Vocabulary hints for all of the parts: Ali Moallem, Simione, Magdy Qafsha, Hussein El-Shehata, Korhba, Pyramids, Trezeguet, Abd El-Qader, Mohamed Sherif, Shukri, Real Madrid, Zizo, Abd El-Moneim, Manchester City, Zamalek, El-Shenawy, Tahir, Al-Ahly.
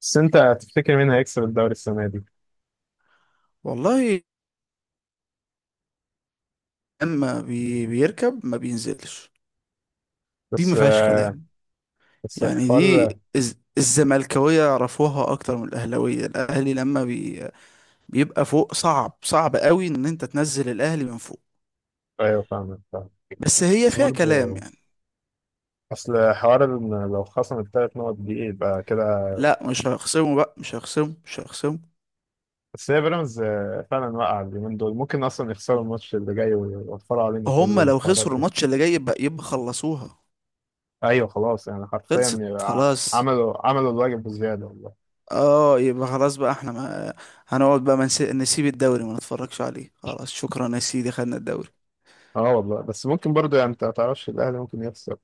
بس انت هتفتكر مين هيكسب الدوري السنه دي؟ والله. لما بي بيركب ما بينزلش، دي بس ما فيهاش كلام. بس يعني دي الحوار. الزملكاوية يعرفوها اكتر من الاهلاوية. الاهلي لما بيبقى فوق صعب صعب قوي ان انت تنزل الاهلي من فوق. ايوه فاهمك فاهم. بس هي بس فيها كلام برضه يعني. اصل حوار ان لو خصم الثلاث نقط دي يبقى كده. لا مش هيخصموا بقى، مش هيخصموا، مش هيخصموا. بس هي بيراميدز فعلا واقعه اليومين دول ممكن اصلا يخسروا الماتش اللي جاي ويوفروا علينا كل هم لو الحوارات خسروا دي. الماتش اللي جاي يبقى خلصوها، ايوه خلاص، يعني حرفيا خلصت يبقى خلاص. عملوا الواجب بزياده والله. اه، يبقى خلاص بقى. احنا ما هنقعد بقى ما نسيب الدوري، ما نتفرجش عليه خلاص. شكرا يا سيدي، خدنا الدوري. اه والله بس ممكن برضه، يعني انت ما تعرفش الاهلي ممكن يخسر.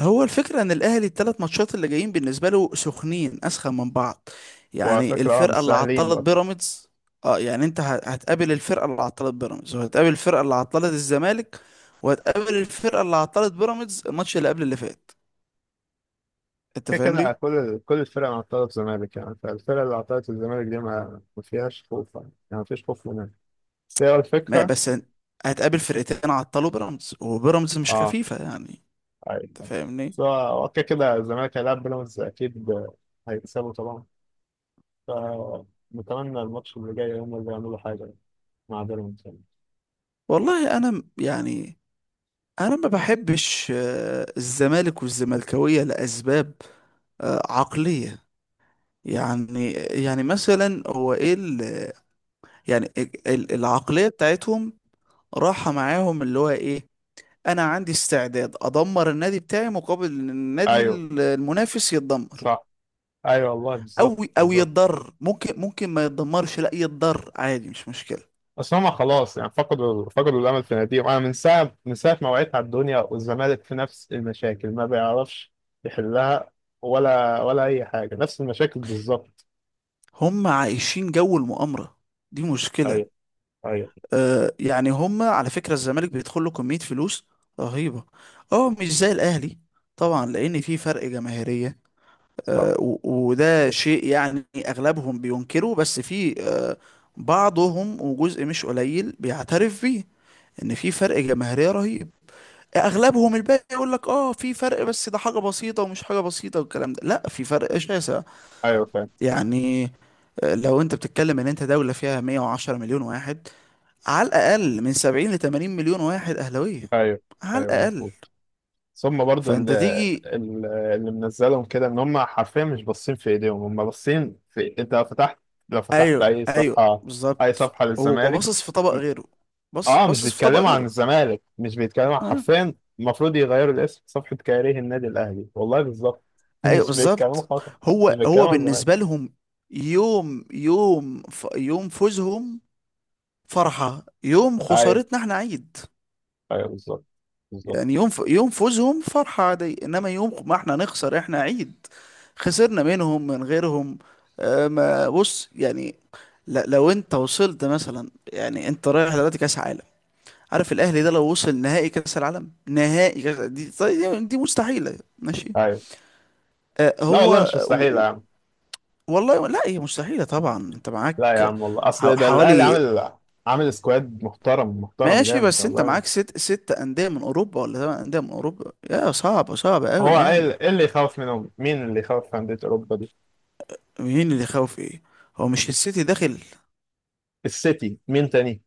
هو الفكرة ان الاهلي الثلاث ماتشات اللي جايين بالنسبة له سخنين، اسخن من بعض. وعلى يعني فكره اه، مش الفرقة اللي سهلين عطلت برضه. بيراميدز. اه يعني انت هتقابل الفرقة اللي عطلت بيراميدز، وهتقابل الفرقة اللي عطلت الزمالك، وهتقابل الفرقة اللي عطلت بيراميدز الماتش اللي قبل اللي فات. انت كده كده فاهمني؟ كل الفرق عطلت الزمالك، يعني فالفرق اللي عطلت الزمالك دي ما فيهاش خوف يعني. يعني ما فيش خوف منها. بس هي ما الفكرة. بس هتقابل فرقتين عطلوا بيراميدز، وبيراميدز مش اه، خفيفة يعني. أيوة. انت أيوة. فاهمني؟ بس هو كده كده الزمالك هيلعب بيراميدز أكيد. هيكسبوا طبعا. فنتمنى الماتش اللي جاي هم اللي يعملوا حاجة مع بيراميدز يعني. والله انا يعني انا ما بحبش الزمالك والزملكاوية لاسباب عقلية. يعني يعني مثلا هو ايه يعني العقلية بتاعتهم، راحة معاهم اللي هو ايه. انا عندي استعداد ادمر النادي بتاعي مقابل ان النادي أيوه المنافس يتدمر، صح، أيوه والله او بالظبط او بالظبط. يتضر، ممكن ما يتدمرش، لا يتضر عادي، مش مشكلة. بس هما خلاص، يعني فقدوا الامل في ناديهم. انا من ساعه ما وعيت على الدنيا والزمالك في نفس المشاكل، ما بيعرفش يحلها. ولا اي حاجه، نفس المشاكل بالظبط. هم عايشين جو المؤامرة، دي مشكلة. ايوه ايوه آه، يعني هم على فكرة الزمالك بيدخل له كمية فلوس رهيبة، اه مش زي الاهلي طبعا، لان في فرق جماهيرية. صح، آه، و- وده شيء يعني أغلبهم بينكره، بس في بعضهم وجزء مش قليل بيعترف بيه، إن في فرق جماهيرية رهيب. أغلبهم الباقي يقول لك آه في فرق، بس ده حاجة بسيطة ومش حاجة بسيطة والكلام ده. لا، في فرق شاسع ايوه فاهم. يعني. لو أنت بتتكلم إن أنت دولة فيها 110 مليون واحد، على الأقل من 70 ل 80 مليون واحد أهلاوية، ايوه على ايوه الأقل. مظبوط. ثم برضو فأنت تيجي. اللي منزلهم كده ان هم حرفيا مش باصين في ايديهم، هم باصين في انت لو فتحت، ايوه اي ايوه صفحه، اي بالظبط. صفحه هو للزمالك. باصص في طبق غيره، بص اه مش باصص في طبق بيتكلموا عن غيره. الزمالك، مش بيتكلموا عن اه، حرفيا. المفروض يغيروا الاسم صفحة كاريه النادي الاهلي، والله بالظبط. ايوه مش بيتكلموا بالظبط. خالص. مش هو بيتكلموا عن الزمالك. بالنسبه لهم يوم فوزهم فرحه، يوم ايوه خسارتنا احنا عيد. ايوه بالظبط بالظبط. يعني يوم فوزهم فرحه عادي، انما يوم ما احنا نخسر احنا عيد، خسرنا منهم من غيرهم. آه، ما بص يعني، لا لو انت وصلت مثلا، يعني انت رايح دلوقتي كاس عالم. عارف الاهلي ده لو وصل نهائي كاس العالم، نهائي كاس دي، طيب دي مستحيله، ماشي. ايوه آه لا والله هو. مش و- مستحيل يا و- عم. والله لا، هي مستحيله طبعا، انت لا يا معاك عم والله، اصل ده الاهلي حوالي. عامل سكواد محترم، محترم ماشي، جامد بس انت والله. معاك ست انديه من اوروبا ولا ثمان انديه من اوروبا، يا صعبه صعبه هو قوي ايه يعني. إيه اللي يخوف منهم؟ مين اللي يخوف في انديه اوروبا دي؟ مين اللي خاوف؟ ايه؟ هو مش السيتي داخل السيتي، مين تاني؟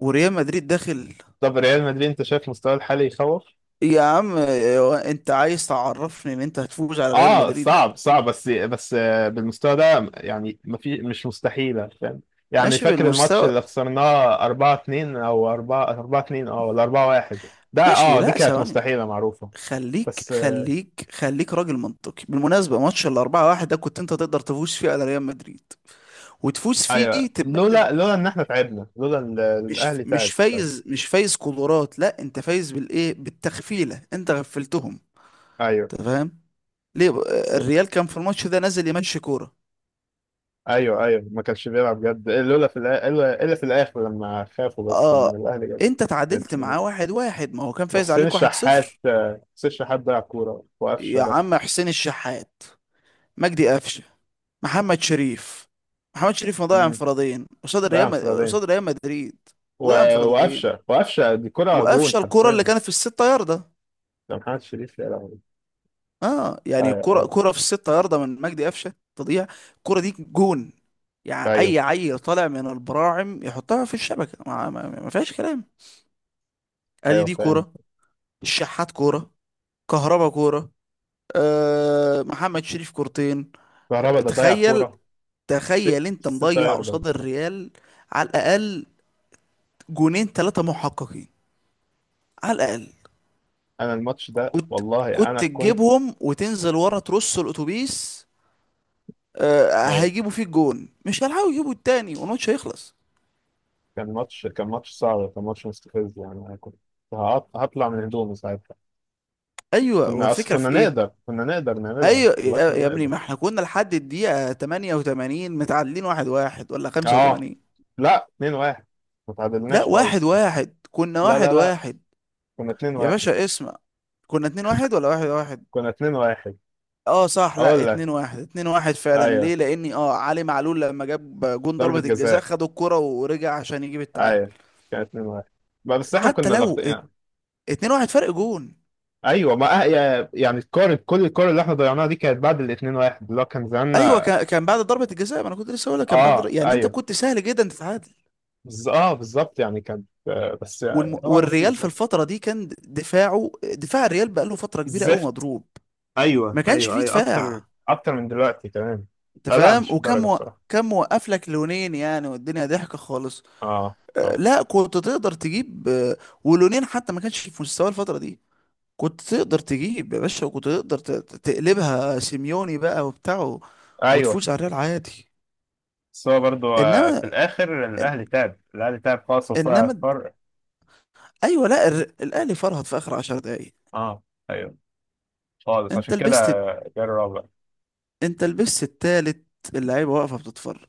وريال مدريد داخل؟ طب ريال مدريد، انت شايف مستواه الحالي يخوف؟ يا عم هو انت عايز تعرفني ان انت هتفوز على ريال اه مدريد؟ صعب صعب، بس بالمستوى ده، يعني ما في مش مستحيلة، فاهم؟ يعني ماشي فاكر الماتش بالمستوى. اللي خسرناه 4 2 او 4 2 اه، ولا 4 1 ده، ماشي، اه دي لا كانت ثواني، مستحيلة معروفة. خليك بس خليك خليك راجل منطقي. بالمناسبة ماتش 4-1 ده كنت أنت تقدر تفوز فيه على ريال مدريد، وتفوز فيه ايوه تبقى أنت لولا ان احنا تعبنا، لولا مش الاهلي مش تعب فايز ساعتها. مش فايز قدرات. لا أنت فايز بالإيه، بالتغفيلة، أنت غفلتهم. ايوه أنت فاهم؟ ليه بقى؟ ص- الريال كان في الماتش ده نازل يمشي كورة. ايوه، ايوه ما كانش بيلعب جد، لولا في الآ- الا إلا في الاخر لما خافوا بس من آه، الاهلي جد. أنت تعادلت بجد. معاه واحد واحد، ما هو كان فايز وحسين عليك واحد الشحات صفر آه، حسين الشحات ضيع كورة وقفشه يا ده. عم حسين الشحات، مجدي قفشة، محمد شريف. محمد شريف مضيع مم. انفرادين قصاد ضيع انفرادية. قصاد ريال مدريد. مضيع انفرادين وقفشه دي كرة جون وقفشه الكرة اللي حرفيا. كانت في الستة ياردة. ده محمد شريف، يا لهوي. اه يعني كرة ايوه كرة في الستة ياردة من مجدي قفشه تضيع، الكرة دي جون. يعني ايوه، اي عيل طالع من البراعم يحطها في الشبكة، ما فيهاش كلام. ادي ايوه دي فاهم. كرة، الشحات كرة، كهربا كرة، آه محمد شريف كورتين. كهربا ده ضيع تخيل، كوره. تخيل انت ست مضيع ياردة. قصاد الريال على الاقل جونين ثلاثة محققين على الاقل. انا الماتش ده كنت والله، كنت انا كنت. تجيبهم وتنزل ورا ترص الاتوبيس. أيوة. هيجيبوا فيه الجون مش هيلحقوا يجيبوا التاني والماتش هيخلص. كان ماتش، كان ماتش صعب، كان ماتش مستفز، يعني انا كنت هطلع من هدومي ساعتها. ايوه هو الفكره في ايه؟ كنا نقدر نعملها ايوه والله، يا كنا يا ابني، نقدر. ما احنا كنا لحد الدقيقه 88 متعادلين واحد واحد، ولا اه 85. لا، 2 1، ما لا، تعادلناش واحد خالص. واحد، كنا لا واحد لا لا، واحد. كنا 2 يا 1. باشا اسمع، كنا 2-1 ولا 1-1؟ كنا 2 1، اه صح، لا اقول لك اتنين واحد، اتنين واحد فعلا. ايوه ليه؟ لاني اه علي معلول لما جاب جون ضربة ضربة الجزاء، جزاء. خد الكرة ورجع عشان يجيب التعادل. ايوه كان 2-1. ما بس احنا حتى كنا لو ضاغطين يعني. 2-1 فرق جون. ايوه، ما أه- يا- يعني الكور، الكور اللي احنا ضيعناها دي كانت بعد ال 2-1 اللي هو كان ايوه زماننا. كان بعد ضربه الجزاء، ما انا كنت لسه هقول لك كان بعد اه، يعني انت ايوه كنت سهل جدا تتعادل. اه بالظبط، يعني كان بس يعني هو والريال نصيب في بقى. الفتره دي كان دفاعه، دفاع الريال بقاله فتره كبيره قوي زفت. مضروب. ايوه ما كانش ايوه فيه ايوه، اكتر دفاع، اكتر من دلوقتي كمان. انت آه لا، فاهم؟ مش الدرجه بصراحه. كان موقف لك لونين يعني، والدنيا ضحكه خالص. اه أه اه لا كنت تقدر تجيب ولونين، حتى ما كانش في مستوى الفتره دي. كنت تقدر تجيب يا باشا، وكنت تقدر تقلبها سيميوني بقى وبتاعه ايوه. وتفوز على الريال عادي. بس هو برضه في انما الاخر إن- الاهلي تعب، خالص، وفرق انما فرق. ايوه. لا الاهلي فرهط في اخر 10 دقايق. اه ايوه خالص، انت عشان كده. لبست جه الرابع. انت لبست التالت، اللعيبه واقفه بتتفرج،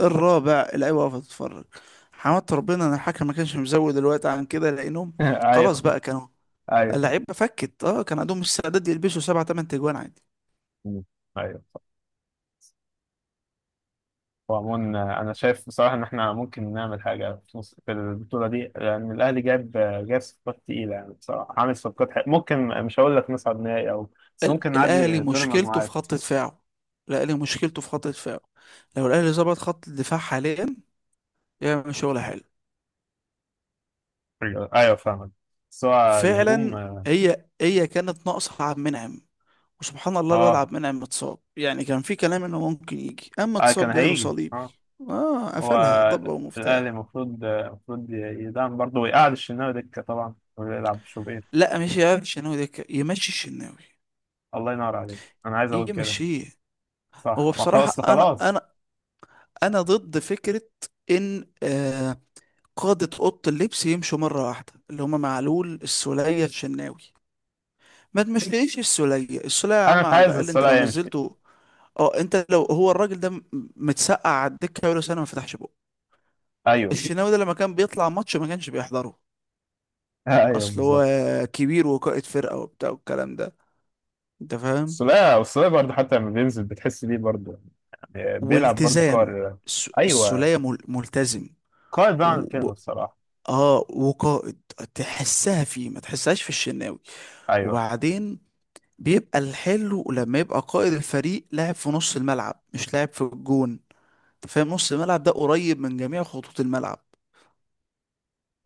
الرابع اللعيبه واقفه بتتفرج. حمدت ربنا ان الحكم ما كانش مزود الوقت عن كده لانهم خلاص ايوه بقى كانوا، ايوه. اللعيبه فكت. اه كان عندهم استعداد يلبسوا سبعة تمن تجوان عادي. مم. ايوه. وعموما انا شايف بصراحه ان احنا ممكن نعمل حاجه في نص، في البطوله دي، لان الاهلي جاب، صفقات تقيله يعني. بصراحه عامل صفقات حق. ممكن مش هقول لك نصعد نهائي، او بس ممكن الاهلي نعدي دور مشكلته في المجموعات. خط دفاعه، الاهلي مشكلته في خط دفاعه. لو الاهلي ظبط خط الدفاع حاليا يعمل شغل حلو ايوه ايوه فاهمك. بس هو الهجوم فعلا. اه. هي كانت ناقصه عبد المنعم، وسبحان الله الواد آه، عبد المنعم متصاب. يعني كان في كلام انه ممكن يجي، اما كان اتصاب جاله هيجي صليبي، اه. اه، هو قفلها ضبة الاهلي ومفتاح. المفروض يدعم برضه، ويقعد الشناوي دكه طبعا، ويلعب شوبير. لا مش، يا الشناوي ده يمشي، الشناوي الله ينور عليك، انا عايز اقول كده. يمشيه. صح، هو ما خلاص بصراحة انا خلاص. انا انا ضد فكرة ان آه قادة أوضة اللبس يمشوا مرة واحدة، اللي هما معلول السولية الشناوي. ما تمشيش السولية، السولية يا انا عم مش على عايز الأقل أنت لو السولية يمشي. نزلته. اه أنت لو هو الراجل ده متسقع على الدكة بقاله سنة ما فتحش. ايوه الشناوي ده لما كان بيطلع ماتش ما كانش بيحضره. ايوه اصل هو بالظبط. كبير وقائد فرقة وبتاع والكلام ده، انت فاهم؟ السولية برضه حتى لما بينزل بتحس بيه برضه، يعني بيلعب برضه والتزام. قائد. ايوه السولية ملتزم. قائد بقى عن و... الكلمة، و... الصراحة. اه وقائد، تحسها فيه ما تحسهاش في الشناوي. ايوه وبعدين بيبقى الحلو لما يبقى قائد الفريق لاعب في نص الملعب، مش لاعب في الجون. انت فاهم؟ نص الملعب ده قريب من جميع خطوط الملعب،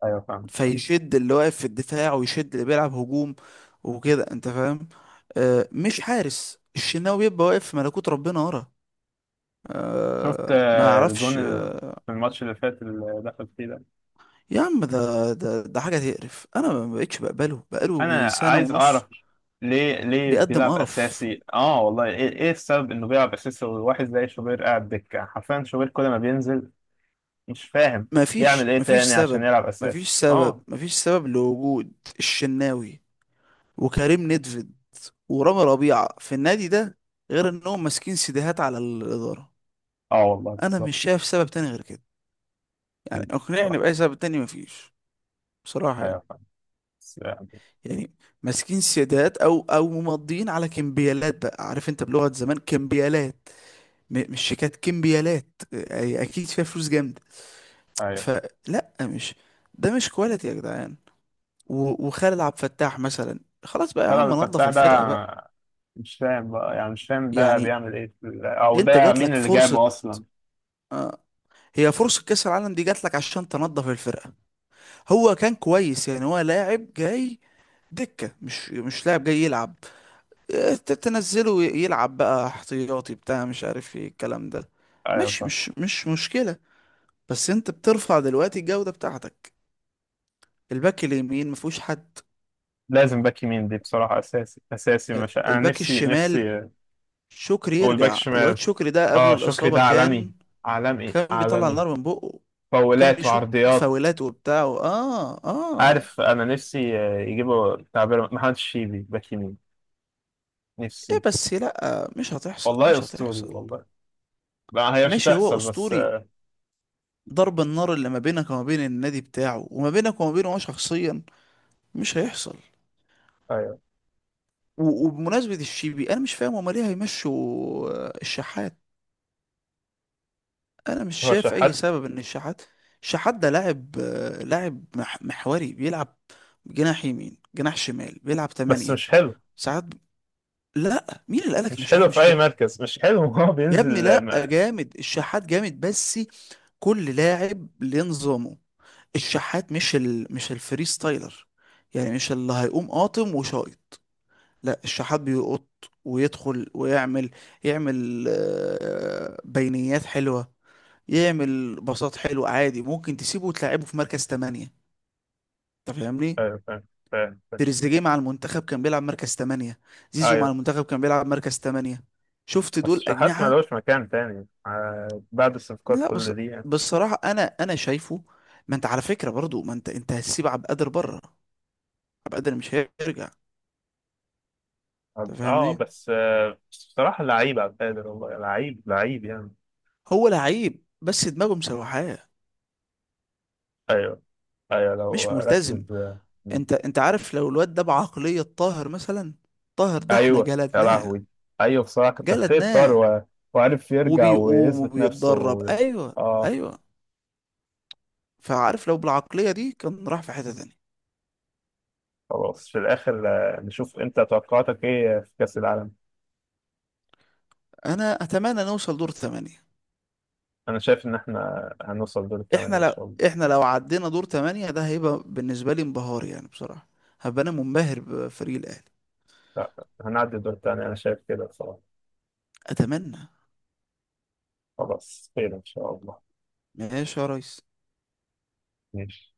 ايوه فاهم. فيشد اللي واقف في الدفاع ويشد اللي بيلعب هجوم، وكده، انت فاهم. آه مش حارس الشناوي بيبقى واقف في ملكوت ربنا ورا، شفت آه ما الجون اعرفش. في الماتش اللي فات اللي دخل فيه ده. يا عم ده حاجه تقرف، انا ما بقتش بقبله بقاله انا سنه عايز اعرف، ونص، ليه بيقدم بيلعب قرف. اساسي اه؟ والله ايه، السبب انه بيلعب اساسي، وواحد زي شوبير قاعد دكة حرفيا؟ شوبير كل ما بينزل، مش فاهم ما يعمل فيش ايه ما فيش تاني عشان سبب، يلعب اساسي اه. ما فيش سبب لوجود الشناوي وكريم نيدفيد ورامي ربيعه في النادي ده غير انهم ماسكين سيديهات على الاداره. اه والله انا مش بالظبط. شايف سبب تاني غير كده، يعني اقنعني صح. بأي سبب تاني، مفيش بصراحة ايوه يعني. فاهم، بس يعني. يعني ماسكين سيادات، او ممضيين على كمبيالات بقى. عارف انت، بلغة زمان، كمبيالات، مش شيكات، كمبيالات، اكيد فيها فلوس جامدة. أيوة. فلا مش، ده مش كواليتي يا جدعان. وخالد عبد الفتاح مثلا خلاص بقى يا هلا عم، نظف الفتاح ده، الفرقة بقى. مش فاهم بقى، يعني مش فاهم ده يعني بيعمل ايه في او انت ده جات مين لك اللي فرصة، جابه اصلا؟ آه هي فرصة كأس العالم دي جات لك عشان تنظف الفرقة. هو كان كويس يعني، هو لاعب جاي دكة، مش لاعب جاي يلعب. تنزله يلعب بقى احتياطي بتاع مش عارف ايه الكلام ده، ايوه مش فاهم. مش مش مشكلة. بس انت بترفع دلوقتي الجودة بتاعتك. الباك اليمين مفهوش حد، لازم باك يمين دي بصراحة اساسي اساسي، مش، انا الباك نفسي الشمال نفسي. شكري والباك يرجع، الواد شمال، شكري ده قبل اه شكري الإصابة ده عالمي، كان عالمي كان بيطلع عالمي. نار من بقه، كان فاولات بيشوط وعرضيات. فاولات وبتاع و- اه اه. عارف، انا نفسي يجيبوا تعبير محمد الشيبي باك يمين، ايه نفسي. بس، لا مش هتحصل، والله مش اسطوري هتحصل. والله. ما هي مش ماشي، هو هتحصل بس أسطوري، ضرب النار اللي ما بينك وما بين النادي بتاعه وما بينك وما بينه هو شخصيا مش هيحصل. ايوه. وبمناسبة الشيبي أنا مش فاهم هما ليه هيمشوا الشحات. أنا مش هو شايف أي شحات، سبب إن الشحات، الشحات ده لاعب لاعب محوري بيلعب جناح يمين، جناح شمال، بيلعب بس تمانية مش حلو، ساعات لا. مين اللي قالك إن مش حلو الشحات في مش اي حلو؟ مركز، مش حلو. هو يا ابني بينزل آه، لا ما... جامد، الشحات جامد، بس كل لاعب لنظامه. الشحات مش الفري ستايلر، يعني مش اللي هيقوم قاطم وشايط، لا الشحات بيقط ويدخل ويعمل، يعمل بينيات حلوة، يعمل باصات حلوة عادي. ممكن تسيبه وتلعبه في مركز تمانية، انت فاهمني؟ آه، ف... ف... ف... تريزيجيه مع المنتخب كان بيلعب مركز تمانية، زيزو مع ايوه. المنتخب كان بيلعب مركز تمانية، شفت؟ بس دول شحات ما أجنحة. لهوش مكان تاني بعد الصفقات لا بس كل دي يعني. بالصراحة أنا شايفه. ما أنت على فكرة برضو، ما أنت هتسيب عبد القادر بره، عبد القادر مش هيرجع. اه انت فاهمني؟ بس بس بصراحة لعيب، عبد القادر والله لعيب لعيب يعني. هو لعيب بس دماغه مسوحاه، ايوه ايوه لو مش ملتزم. ركز آه، م. انت عارف لو الواد ده بعقلية طاهر مثلا. طاهر ده احنا ايوه يا جلدناه، لهوي. ايوه بصراحة كتر خير طار. جلدناه، و... وعرف يرجع وبيقوم ويثبت نفسه. وبيتدرب، و... ايوه اه. ايوه. فعارف لو بالعقلية دي كان راح في حتة تانية. خلاص في الاخر، نشوف انت توقعاتك ايه في كأس العالم. انا اتمنى نوصل دور ثمانية. انا شايف ان احنا هنوصل دور الثمانية احنا ان لو شاء الله. احنا لو عدينا دور ثمانية ده هيبقى بالنسبة لي انبهار يعني بصراحة، هبقى انا منبهر بفريق الاهلي. لا، هنعدي الدور التاني، أنا شايف كده بصراحة. اتمنى. خلاص خير إن شاء الله. ماشي يا ريس. ماشي.